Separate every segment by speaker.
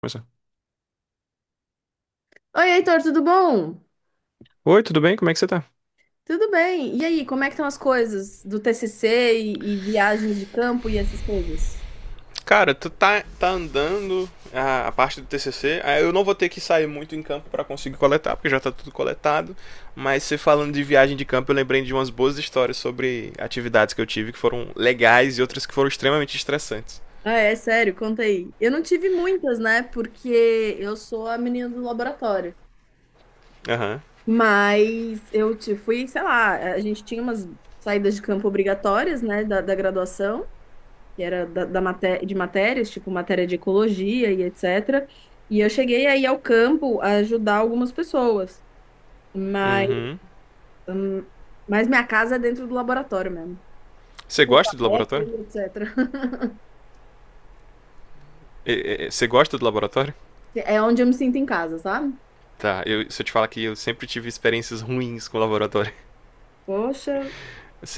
Speaker 1: Começar.
Speaker 2: Oi, Heitor, tudo bom?
Speaker 1: Oi, tudo bem? Como é que você tá?
Speaker 2: Tudo bem. E aí, como é que estão as coisas do TCC e viagens de campo e essas coisas?
Speaker 1: Cara, tu tá andando a parte do TCC. Eu não vou ter que sair muito em campo pra conseguir coletar, porque já tá tudo coletado. Mas você falando de viagem de campo, eu lembrei de umas boas histórias sobre atividades que eu tive que foram legais e outras que foram extremamente estressantes.
Speaker 2: Ah, é sério, conta aí. Eu não tive muitas, né? Porque eu sou a menina do laboratório.
Speaker 1: Aham.
Speaker 2: Mas eu te fui, sei lá, a gente tinha umas saídas de campo obrigatórias, né, da graduação, que era da, da maté de matérias, tipo matéria de ecologia e etc. E eu cheguei aí ao campo a ajudar algumas pessoas, mas,
Speaker 1: Uhum.
Speaker 2: mas minha casa é dentro do laboratório mesmo.
Speaker 1: Você
Speaker 2: Curta
Speaker 1: gosta de laboratório?
Speaker 2: eco, etc.
Speaker 1: Você gosta do laboratório?
Speaker 2: É onde eu me sinto em casa, sabe?
Speaker 1: Tá, se eu te falar que eu sempre tive experiências ruins com o laboratório.
Speaker 2: Poxa,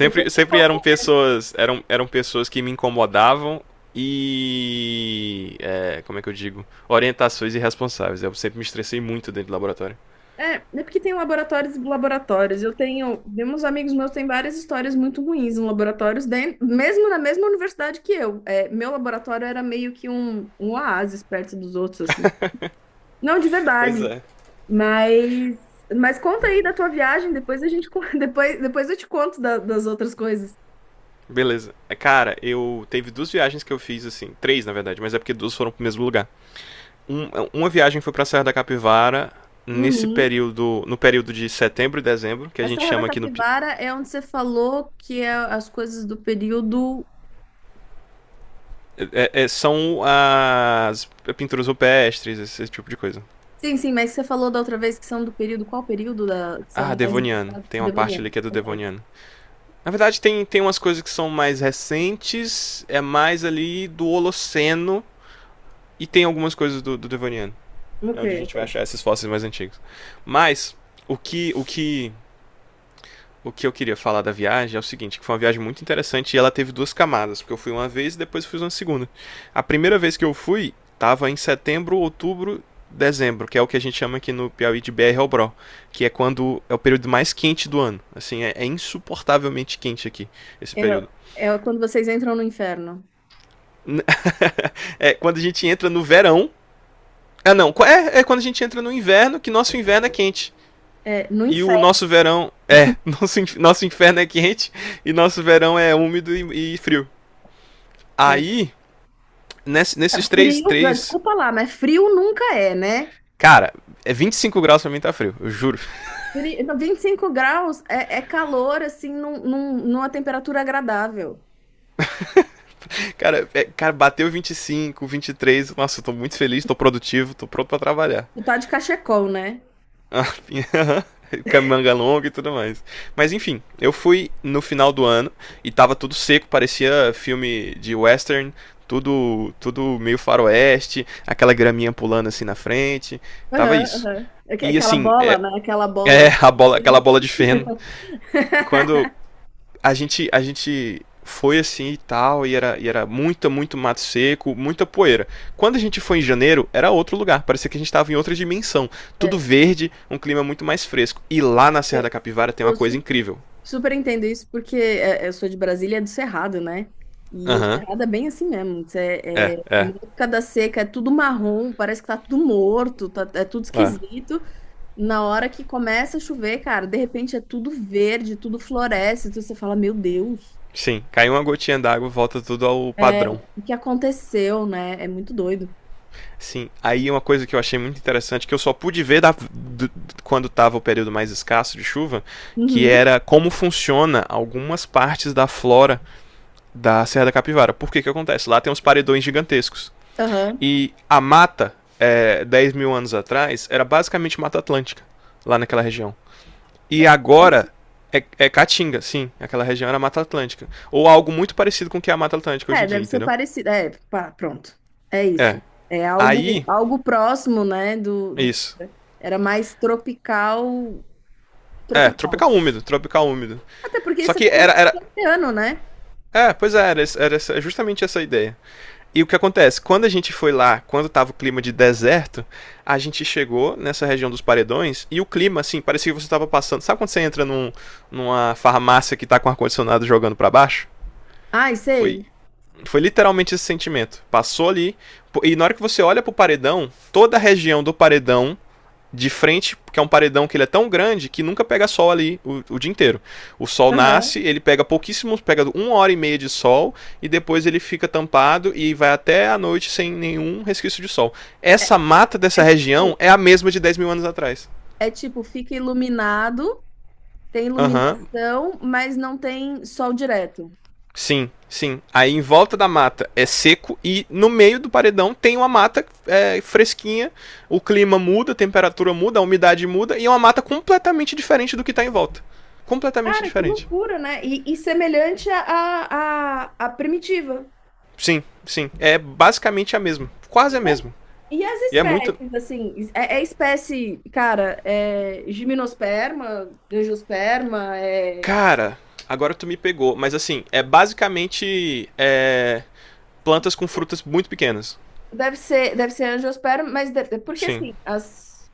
Speaker 2: depois tem
Speaker 1: sempre eram
Speaker 2: pouco.
Speaker 1: pessoas. Eram pessoas que me incomodavam como é que eu digo? Orientações irresponsáveis. Eu sempre me estressei muito dentro do laboratório.
Speaker 2: É porque tem laboratórios e laboratórios. Eu tenho, tem uns amigos meus têm várias histórias muito ruins em laboratórios, dentro, mesmo na mesma universidade que eu. É, meu laboratório era meio que um oásis perto dos outros, assim. Não de
Speaker 1: Pois
Speaker 2: verdade,
Speaker 1: é.
Speaker 2: mas, mas conta aí da tua viagem, depois a gente, depois eu te conto das outras coisas.
Speaker 1: Beleza. É, Cara, eu. Teve duas viagens que eu fiz, assim. Três, na verdade, mas é porque duas foram pro mesmo lugar. Uma viagem foi pra Serra da Capivara. Nesse
Speaker 2: Uhum.
Speaker 1: período. No período de setembro e dezembro, que a
Speaker 2: A
Speaker 1: gente
Speaker 2: Serra da
Speaker 1: chama aqui no.
Speaker 2: Capivara é onde você falou que é as coisas do período.
Speaker 1: São as pinturas rupestres, esse tipo de coisa.
Speaker 2: Sim, sim, mas você falou da outra vez que são do período. Qual período da... que
Speaker 1: Ah,
Speaker 2: são mais
Speaker 1: Devoniano.
Speaker 2: importantes?
Speaker 1: Tem uma parte ali
Speaker 2: Devoniano.
Speaker 1: que é do
Speaker 2: Ok.
Speaker 1: Devoniano. Na verdade, tem umas coisas que são mais recentes, é mais ali do Holoceno, e tem algumas coisas do Devoniano. É
Speaker 2: Ok,
Speaker 1: onde a gente vai
Speaker 2: ok.
Speaker 1: achar esses fósseis mais antigos. Mas, o que, o que o que eu queria falar da viagem é o seguinte, que foi uma viagem muito interessante e ela teve duas camadas, porque eu fui uma vez e depois fui uma segunda. A primeira vez que eu fui estava em setembro, outubro, dezembro, que é o que a gente chama aqui no Piauí de BR ao Bro, que é quando é o período mais quente do ano. Assim, é insuportavelmente quente aqui esse
Speaker 2: É,
Speaker 1: período.
Speaker 2: é quando vocês entram no inferno.
Speaker 1: É quando a gente entra no verão. Ah, não. É quando a gente entra no inverno, que nosso inverno é quente.
Speaker 2: É, no
Speaker 1: E o
Speaker 2: inferno.
Speaker 1: nosso verão. É, nosso inferno é quente e nosso verão é úmido e frio.
Speaker 2: É.
Speaker 1: Aí, nesses três,
Speaker 2: Frio.
Speaker 1: três.
Speaker 2: Desculpa lá, mas frio nunca é, né?
Speaker 1: Cara, é 25 graus pra mim tá frio, eu juro.
Speaker 2: Não, 25 graus é calor, assim, numa temperatura agradável.
Speaker 1: Cara, bateu 25, 23. Nossa, eu tô muito feliz, tô produtivo, tô pronto pra trabalhar.
Speaker 2: Tu tá de cachecol, né?
Speaker 1: A pinha- Camanga longa e tudo mais. Mas enfim, eu fui no final do ano e tava tudo seco, parecia filme de western, tudo meio faroeste, aquela graminha pulando assim na frente, tava
Speaker 2: Aham,
Speaker 1: isso.
Speaker 2: aham. Aque-
Speaker 1: E
Speaker 2: Aquela
Speaker 1: assim,
Speaker 2: bola, né? Aquela
Speaker 1: é
Speaker 2: bola.
Speaker 1: a bola, aquela bola de feno. Quando, a gente foi assim e tal, e era muito mato seco, muita poeira. Quando a gente foi em janeiro, era outro lugar, parecia que a gente estava em outra dimensão. Tudo
Speaker 2: É,
Speaker 1: verde, um clima muito mais fresco. E lá na Serra da
Speaker 2: eu,
Speaker 1: Capivara tem uma
Speaker 2: eu
Speaker 1: coisa incrível.
Speaker 2: super entendo isso, porque eu sou de Brasília, é do Cerrado, né? E o
Speaker 1: Aham, uhum.
Speaker 2: Cerrado é bem assim mesmo.
Speaker 1: É,
Speaker 2: É,
Speaker 1: é,
Speaker 2: na época da seca é tudo marrom, parece que tá tudo morto, é tudo
Speaker 1: é.
Speaker 2: esquisito. Na hora que começa a chover, cara, de repente é tudo verde, tudo floresce, tudo, você fala, meu Deus,
Speaker 1: Sim, caiu uma gotinha d'água, volta tudo ao
Speaker 2: é,
Speaker 1: padrão.
Speaker 2: o que aconteceu, né? É muito doido.
Speaker 1: Sim, aí uma coisa que eu achei muito interessante, que eu só pude ver quando estava o período mais escasso de chuva, que
Speaker 2: Uhum,
Speaker 1: era como funciona algumas partes da flora da Serra da Capivara. Por que que acontece? Lá tem uns paredões gigantescos.
Speaker 2: aham.
Speaker 1: E a mata, 10 mil anos atrás, era basicamente Mata Atlântica, lá naquela região. E agora é Caatinga, sim. Aquela região era Mata Atlântica. Ou algo muito parecido com o que é a Mata Atlântica hoje em
Speaker 2: É,
Speaker 1: dia,
Speaker 2: deve ser
Speaker 1: entendeu?
Speaker 2: parecido. É, pá, pronto. É
Speaker 1: É.
Speaker 2: isso. É algo,
Speaker 1: Aí,
Speaker 2: algo próximo, né, do que
Speaker 1: isso.
Speaker 2: era. Era mais tropical.
Speaker 1: É, tropical
Speaker 2: Tropical.
Speaker 1: úmido, tropical úmido.
Speaker 2: Até porque
Speaker 1: Só
Speaker 2: você
Speaker 1: que
Speaker 2: falou
Speaker 1: era.
Speaker 2: que
Speaker 1: era
Speaker 2: é oceano, né?
Speaker 1: é, pois é, era justamente essa ideia. E o que acontece? Quando a gente foi lá, quando estava o clima de deserto, a gente chegou nessa região dos paredões e o clima, assim, parecia que você estava passando. Sabe quando você entra numa farmácia que está com ar-condicionado jogando para baixo?
Speaker 2: Ai,
Speaker 1: Foi,
Speaker 2: sei.
Speaker 1: foi literalmente esse sentimento. Passou ali, e na hora que você olha pro paredão, toda a região do paredão de frente, porque é um paredão que ele é tão grande que nunca pega sol ali o dia inteiro. O sol
Speaker 2: Aham.
Speaker 1: nasce, ele pega pouquíssimos, pega uma hora e meia de sol e depois ele fica tampado e vai até a noite sem nenhum resquício de sol. Essa mata dessa
Speaker 2: É
Speaker 1: região
Speaker 2: tipo,
Speaker 1: é a mesma de 10 mil anos atrás.
Speaker 2: é tipo, fica iluminado, tem
Speaker 1: Aham, uhum,
Speaker 2: iluminação, mas não tem sol direto.
Speaker 1: sim, sim. Aí em volta da mata é seco e no meio do paredão tem uma mata fresquinha, o clima muda, a temperatura muda, a umidade muda e é uma mata completamente diferente do que está em volta. Completamente
Speaker 2: Cara, que
Speaker 1: diferente.
Speaker 2: loucura, né? E semelhante à primitiva.
Speaker 1: Sim, sim. É basicamente a mesma.
Speaker 2: E,
Speaker 1: Quase a
Speaker 2: a-
Speaker 1: mesma.
Speaker 2: e as
Speaker 1: E é muito.
Speaker 2: espécies, assim, é espécie, cara, é gimnosperma, angiosperma, é,
Speaker 1: Cara, agora tu me pegou. Mas assim, é basicamente plantas com frutas muito pequenas.
Speaker 2: deve ser angiosperma, mas porque
Speaker 1: Sim.
Speaker 2: assim, as.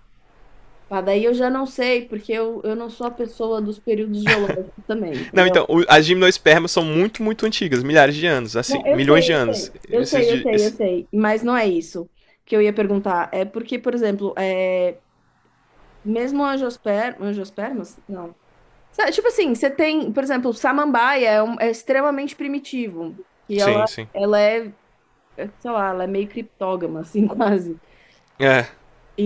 Speaker 2: Pá, daí eu já não sei, porque eu não sou a pessoa dos períodos geológicos também,
Speaker 1: Não,
Speaker 2: entendeu?
Speaker 1: então, as gimnospermas são muito, muito antigas, milhares de anos, assim,
Speaker 2: Não, eu
Speaker 1: milhões
Speaker 2: sei,
Speaker 1: de
Speaker 2: eu
Speaker 1: anos.
Speaker 2: sei, eu
Speaker 1: Esses
Speaker 2: sei, eu
Speaker 1: de.
Speaker 2: sei, eu
Speaker 1: Esse-
Speaker 2: sei, mas não é isso que eu ia perguntar. É porque, por exemplo, mesmo angiospermas, não. Tipo assim, você tem, por exemplo, samambaia é extremamente primitivo, que
Speaker 1: Sim,
Speaker 2: ela,
Speaker 1: sim.
Speaker 2: ela é, sei lá, ela é meio criptógama, assim, quase.
Speaker 1: É,
Speaker 2: E,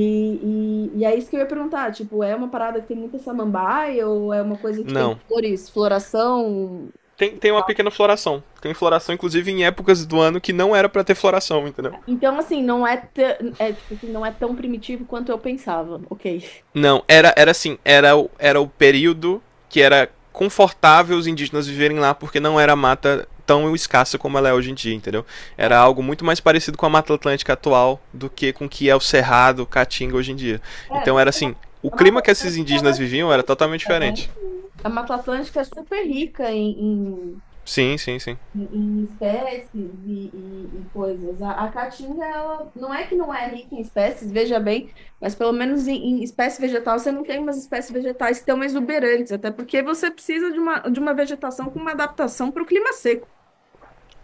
Speaker 2: e, e é isso que eu ia perguntar, tipo, é uma parada que tem muita samambaia ou é uma coisa que tem
Speaker 1: não.
Speaker 2: flores, floração.
Speaker 1: Tem uma pequena floração. Tem floração, inclusive, em épocas do ano que não era pra ter floração, entendeu?
Speaker 2: Então, assim, não é, é, tipo assim, não é tão primitivo quanto eu pensava. Ok.
Speaker 1: Não, era assim, era o período que era confortável os indígenas viverem lá, porque não era mata tão escassa como ela é hoje em dia, entendeu? Era
Speaker 2: É,
Speaker 1: algo muito mais parecido com a Mata Atlântica atual do que com o que é o Cerrado, o Caatinga hoje em dia.
Speaker 2: é,
Speaker 1: Então
Speaker 2: porque
Speaker 1: era
Speaker 2: a
Speaker 1: assim, o
Speaker 2: a Mata
Speaker 1: clima que esses
Speaker 2: Atlântica ela é
Speaker 1: indígenas viviam era
Speaker 2: super
Speaker 1: totalmente
Speaker 2: rica, não
Speaker 1: diferente.
Speaker 2: é? A Mata Atlântica é super rica em, em,
Speaker 1: Sim, sim, sim.
Speaker 2: em- em espécies e coisas. A Caatinga, ela não é que não é rica em espécies, veja bem, mas pelo menos em, em espécie vegetal você não tem umas espécies vegetais tão exuberantes, até porque você precisa de uma vegetação com uma adaptação para o clima seco.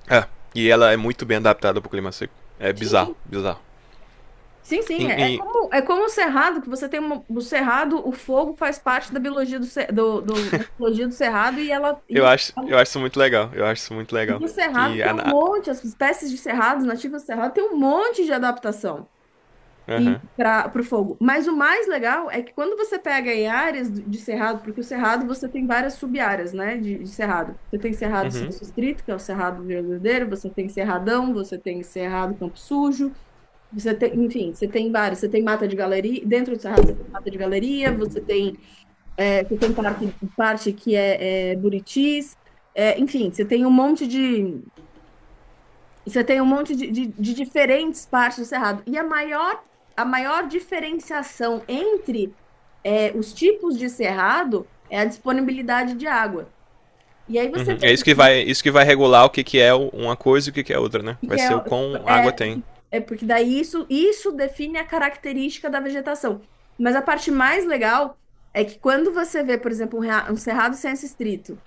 Speaker 1: É, e ela é muito bem adaptada pro clima seco. É bizarro, bizarro.
Speaker 2: Sim,
Speaker 1: E,
Speaker 2: sim,
Speaker 1: e
Speaker 2: é como o cerrado, que você tem o cerrado, o fogo faz parte da biologia do, ce- do, do- da biologia do cerrado e ela
Speaker 1: eu acho isso muito legal, eu acho isso muito legal.
Speaker 2: e o cerrado
Speaker 1: Que
Speaker 2: tem
Speaker 1: a...
Speaker 2: um
Speaker 1: na-
Speaker 2: monte, as espécies de cerrados, nativas do cerrado, tem um monte de adaptação e
Speaker 1: Aham,
Speaker 2: para o fogo. Mas o mais legal é que quando você pega em áreas de cerrado, porque o cerrado você tem várias sub-áreas, né, de cerrado. Você tem
Speaker 1: uhum.
Speaker 2: cerrado sem
Speaker 1: Uhum.
Speaker 2: restrito, que é o cerrado verdadeiro, você tem cerradão, você tem cerrado campo sujo, você tem, enfim, você tem vários. Você tem mata de galeria, dentro do Cerrado você tem mata de galeria, você tem parte que é Buritis, enfim, você tem um monte de, você tem um monte de diferentes partes do Cerrado. E a maior diferenciação entre os tipos de cerrado é a disponibilidade de água. E aí você
Speaker 1: Uhum. É
Speaker 2: vê
Speaker 1: isso que vai regular o que, que é uma coisa e o que, que é outra, né? Vai
Speaker 2: que é,
Speaker 1: ser o quão água
Speaker 2: é,
Speaker 1: tem.
Speaker 2: é porque daí isso define a característica da vegetação. Mas a parte mais legal é que quando você vê, por exemplo, um cerrado sem esse estrito,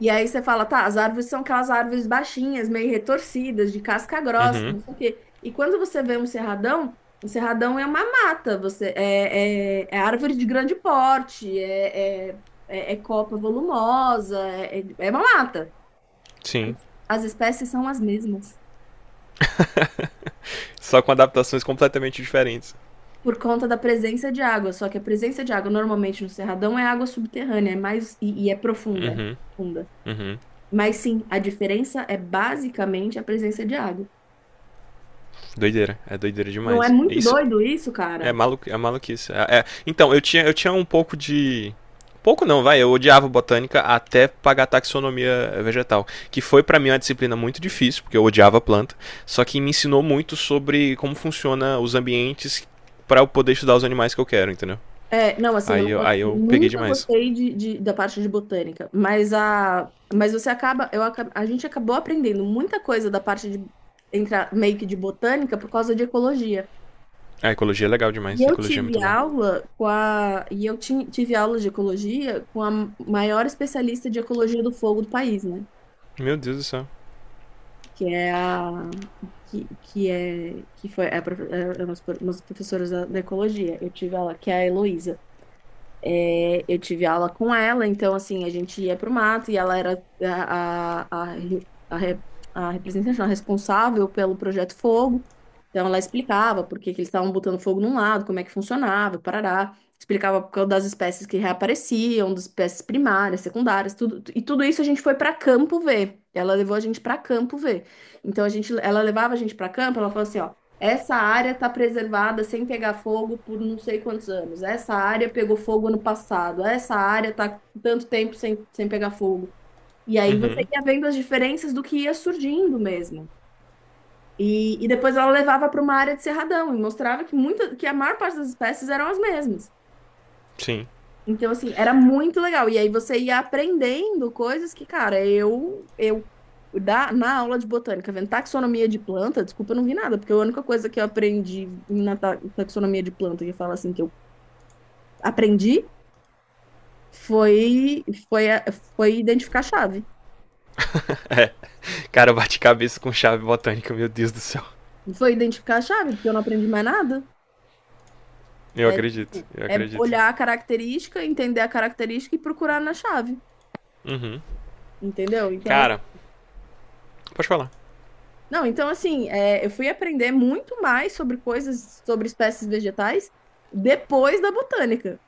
Speaker 2: e aí você fala, tá, as árvores são aquelas árvores baixinhas, meio retorcidas, de casca grossa,
Speaker 1: Uhum.
Speaker 2: não sei o quê. E quando você vê um cerradão é uma mata, você é árvore de grande porte, é copa volumosa, é uma mata. As
Speaker 1: Sim.
Speaker 2: as espécies são as mesmas.
Speaker 1: Só com adaptações completamente diferentes.
Speaker 2: Por conta da presença de água, só que a presença de água normalmente no Cerradão é água subterrânea, é mais e é profunda, é
Speaker 1: Uhum,
Speaker 2: profunda.
Speaker 1: uhum.
Speaker 2: Mas sim, a diferença é basicamente a presença de água.
Speaker 1: Doideira, é doideira
Speaker 2: Não é
Speaker 1: demais.
Speaker 2: muito
Speaker 1: Isso
Speaker 2: doido isso,
Speaker 1: é,
Speaker 2: cara?
Speaker 1: malu é maluquice. Então, eu tinha um pouco de. Pouco não, vai. Eu odiava botânica até pagar taxonomia vegetal. Que foi pra mim uma disciplina muito difícil, porque eu odiava planta. Só que me ensinou muito sobre como funciona os ambientes pra eu poder estudar os animais que eu quero, entendeu?
Speaker 2: É, não, assim, eu
Speaker 1: Aí
Speaker 2: não
Speaker 1: eu,
Speaker 2: gosto,
Speaker 1: aí
Speaker 2: eu
Speaker 1: eu peguei
Speaker 2: nunca
Speaker 1: demais.
Speaker 2: gostei de, da parte de botânica, mas a, mas você acaba, a gente acabou aprendendo muita coisa da parte de, meio que de botânica por causa de ecologia.
Speaker 1: A ecologia é legal demais,
Speaker 2: E
Speaker 1: a
Speaker 2: eu
Speaker 1: ecologia é muito
Speaker 2: tive
Speaker 1: bom.
Speaker 2: aula com a, e eu tive aula de ecologia com a maior especialista de ecologia do fogo do país, né?
Speaker 1: Meu Deus do céu.
Speaker 2: Que é a que é que foi é a, é uma das umas professoras da ecologia. Eu tive aula que é a Heloísa. É, eu tive aula com ela, então assim, a gente ia pro mato e ela era a representante, não, a responsável pelo projeto Fogo. Então ela explicava por que que eles estavam botando fogo num lado, como é que funcionava, parará. Explicava por causa das espécies que reapareciam, das espécies primárias, secundárias, tudo. E tudo isso a gente foi para campo ver. Ela levou a gente para campo ver. Então a gente, ela levava a gente para campo, ela falou assim, ó, essa área está preservada sem pegar fogo por não sei quantos anos. Essa área pegou fogo ano passado. Essa área está tanto tempo sem, sem pegar fogo. E aí você
Speaker 1: Uhum,
Speaker 2: ia vendo as diferenças do que ia surgindo mesmo. E depois ela levava para uma área de cerradão e mostrava que, que a maior parte das espécies eram as mesmas.
Speaker 1: sim.
Speaker 2: Então, assim, era muito legal. E aí você ia aprendendo coisas que, cara, eu na aula de botânica, vendo taxonomia de planta, desculpa, eu não vi nada, porque a única coisa que eu aprendi na taxonomia de planta, que eu falo assim, que eu aprendi, foi, foi, a- foi identificar a chave.
Speaker 1: É, cara, eu bati cabeça com chave botânica, meu Deus do céu.
Speaker 2: Foi identificar a chave, porque eu não aprendi mais nada.
Speaker 1: Eu
Speaker 2: É,
Speaker 1: acredito,
Speaker 2: tipo,
Speaker 1: eu
Speaker 2: é
Speaker 1: acredito.
Speaker 2: olhar a característica, entender a característica e procurar na chave,
Speaker 1: Uhum.
Speaker 2: entendeu? Então,
Speaker 1: Cara, pode falar.
Speaker 2: não, então assim, eu fui aprender muito mais sobre coisas, sobre espécies vegetais depois da botânica.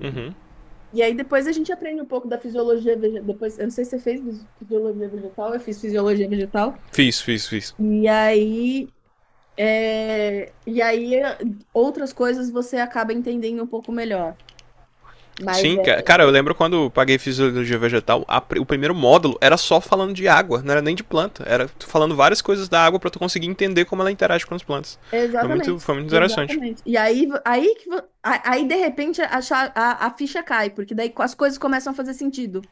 Speaker 1: Uhum.
Speaker 2: E aí depois a gente aprende um pouco da fisiologia vegetal. Depois, eu não sei se você fez fisiologia vegetal, eu fiz fisiologia vegetal.
Speaker 1: Fiz, fiz, fiz.
Speaker 2: E aí, e aí, outras coisas você acaba entendendo um pouco melhor. Mas
Speaker 1: Sim,
Speaker 2: é
Speaker 1: cara, eu lembro quando eu paguei fisiologia vegetal, o primeiro módulo era só falando de água, não era nem de planta, era falando várias coisas da água pra tu conseguir entender como ela interage com as plantas. Foi muito,
Speaker 2: exatamente,
Speaker 1: foi muito interessante.
Speaker 2: exatamente. E aí, vo- aí que vo- a- aí de repente a ficha cai, porque daí as coisas começam a fazer sentido.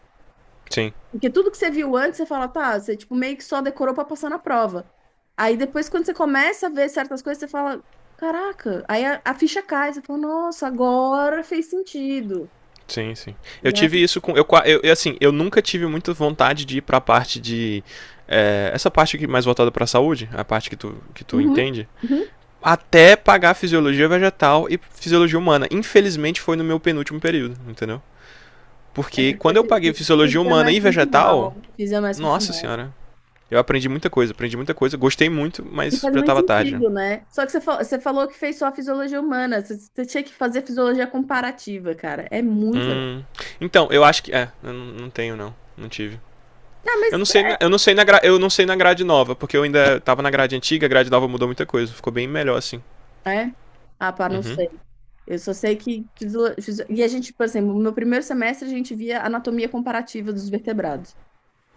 Speaker 1: Sim.
Speaker 2: Porque tudo que você viu antes, você fala, tá, você tipo meio que só decorou pra passar na prova. Aí depois, quando você começa a ver certas coisas, você fala, caraca, aí a ficha cai, você fala, nossa, agora fez sentido,
Speaker 1: Sim, sim. Eu
Speaker 2: né?
Speaker 1: tive isso com. Eu, assim, eu nunca tive muita vontade de ir pra parte de. É, essa parte aqui mais voltada pra saúde, a parte que tu
Speaker 2: Uhum,
Speaker 1: entende.
Speaker 2: uhum.
Speaker 1: Até pagar fisiologia vegetal e fisiologia humana. Infelizmente foi no meu penúltimo período, entendeu?
Speaker 2: É
Speaker 1: Porque
Speaker 2: porque eu
Speaker 1: quando eu paguei
Speaker 2: fiz
Speaker 1: fisiologia humana
Speaker 2: mais
Speaker 1: e
Speaker 2: pro
Speaker 1: vegetal,
Speaker 2: final, fiz mais pro
Speaker 1: nossa
Speaker 2: final.
Speaker 1: senhora. Eu aprendi muita coisa, gostei muito,
Speaker 2: E
Speaker 1: mas
Speaker 2: faz
Speaker 1: já
Speaker 2: muito
Speaker 1: tava tarde.
Speaker 2: sentido, né? Só que você falou que fez só a fisiologia humana, você tinha que fazer fisiologia comparativa, cara. É muito legal.
Speaker 1: Hum. Então, eu acho que. É, eu não tenho não. Não tive.
Speaker 2: Ah, mas.
Speaker 1: Eu não sei na gra- eu não sei na grade nova, porque eu ainda tava na grade antiga, a grade nova mudou muita coisa, ficou bem melhor assim.
Speaker 2: É? Ah, pá, não
Speaker 1: Uhum.
Speaker 2: sei. Eu só sei que. E a gente, por exemplo, no meu primeiro semestre a gente via anatomia comparativa dos vertebrados.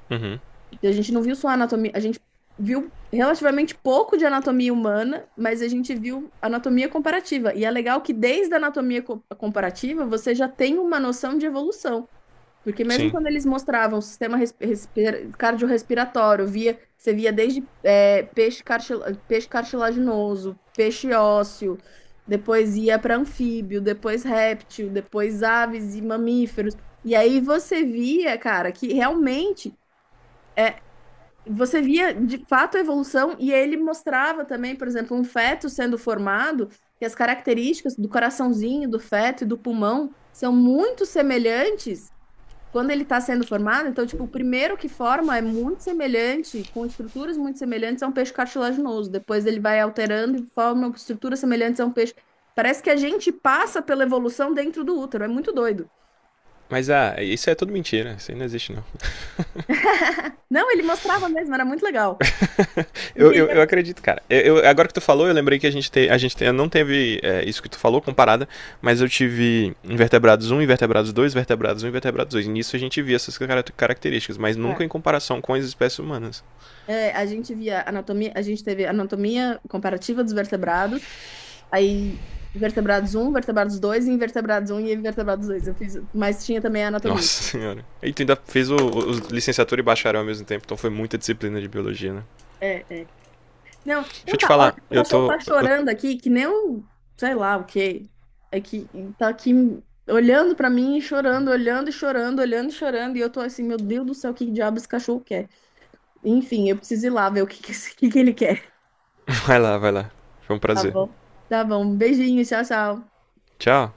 Speaker 1: Uhum.
Speaker 2: Então, a gente não viu só anatomia, a gente viu relativamente pouco de anatomia humana, mas a gente viu anatomia comparativa. E é legal que desde a anatomia comparativa você já tem uma noção de evolução. Porque mesmo
Speaker 1: Sim.
Speaker 2: quando eles mostravam o sistema cardiorrespiratório, você via desde peixe, peixe cartilaginoso, peixe ósseo, depois ia para anfíbio, depois réptil, depois aves e mamíferos. E aí você via, cara, que realmente você via de fato a evolução e ele mostrava também, por exemplo, um feto sendo formado, que as características do coraçãozinho, do feto e do pulmão são muito semelhantes quando ele está sendo formado, então, tipo, o primeiro que forma é muito semelhante, com estruturas muito semelhantes a um peixe cartilaginoso. Depois ele vai alterando e forma estruturas semelhantes a um peixe. Parece que a gente passa pela evolução dentro do útero, é muito doido.
Speaker 1: Mas isso é tudo mentira, isso aí não existe não.
Speaker 2: Não, ele mostrava mesmo, era muito legal.
Speaker 1: Eu,
Speaker 2: Porque
Speaker 1: eu, eu acredito, cara. Agora que tu falou, eu lembrei que a gente não teve isso que tu falou comparada, mas eu tive invertebrados um, invertebrados 2, vertebrados um, e vertebrados 2. E nisso a gente via essas características, mas
Speaker 2: é,
Speaker 1: nunca em comparação com as espécies humanas.
Speaker 2: a gente via anatomia, a gente teve anatomia comparativa dos vertebrados, aí vertebrados um, vertebrados 2, invertebrados um e invertebrados 2. Eu fiz, mas tinha também a anatomia.
Speaker 1: Nossa senhora. E tu ainda fez licenciatura e bacharel ao mesmo tempo, então foi muita disciplina de biologia, né?
Speaker 2: É, é. Não,
Speaker 1: Deixa eu
Speaker 2: então
Speaker 1: te
Speaker 2: tá, olha,
Speaker 1: falar,
Speaker 2: o
Speaker 1: eu
Speaker 2: cachorro
Speaker 1: tô.
Speaker 2: tá chorando aqui, que nem um, sei lá o quê. É que tá aqui olhando pra mim, e chorando, olhando e chorando, olhando e chorando, e eu tô assim, meu Deus do céu, o que diabo esse cachorro quer? Enfim, eu preciso ir lá ver o que que, o que que ele quer.
Speaker 1: Vai lá, vai lá. Foi um
Speaker 2: Tá
Speaker 1: prazer.
Speaker 2: bom. Tá bom, beijinho, tchau, tchau.
Speaker 1: Tchau.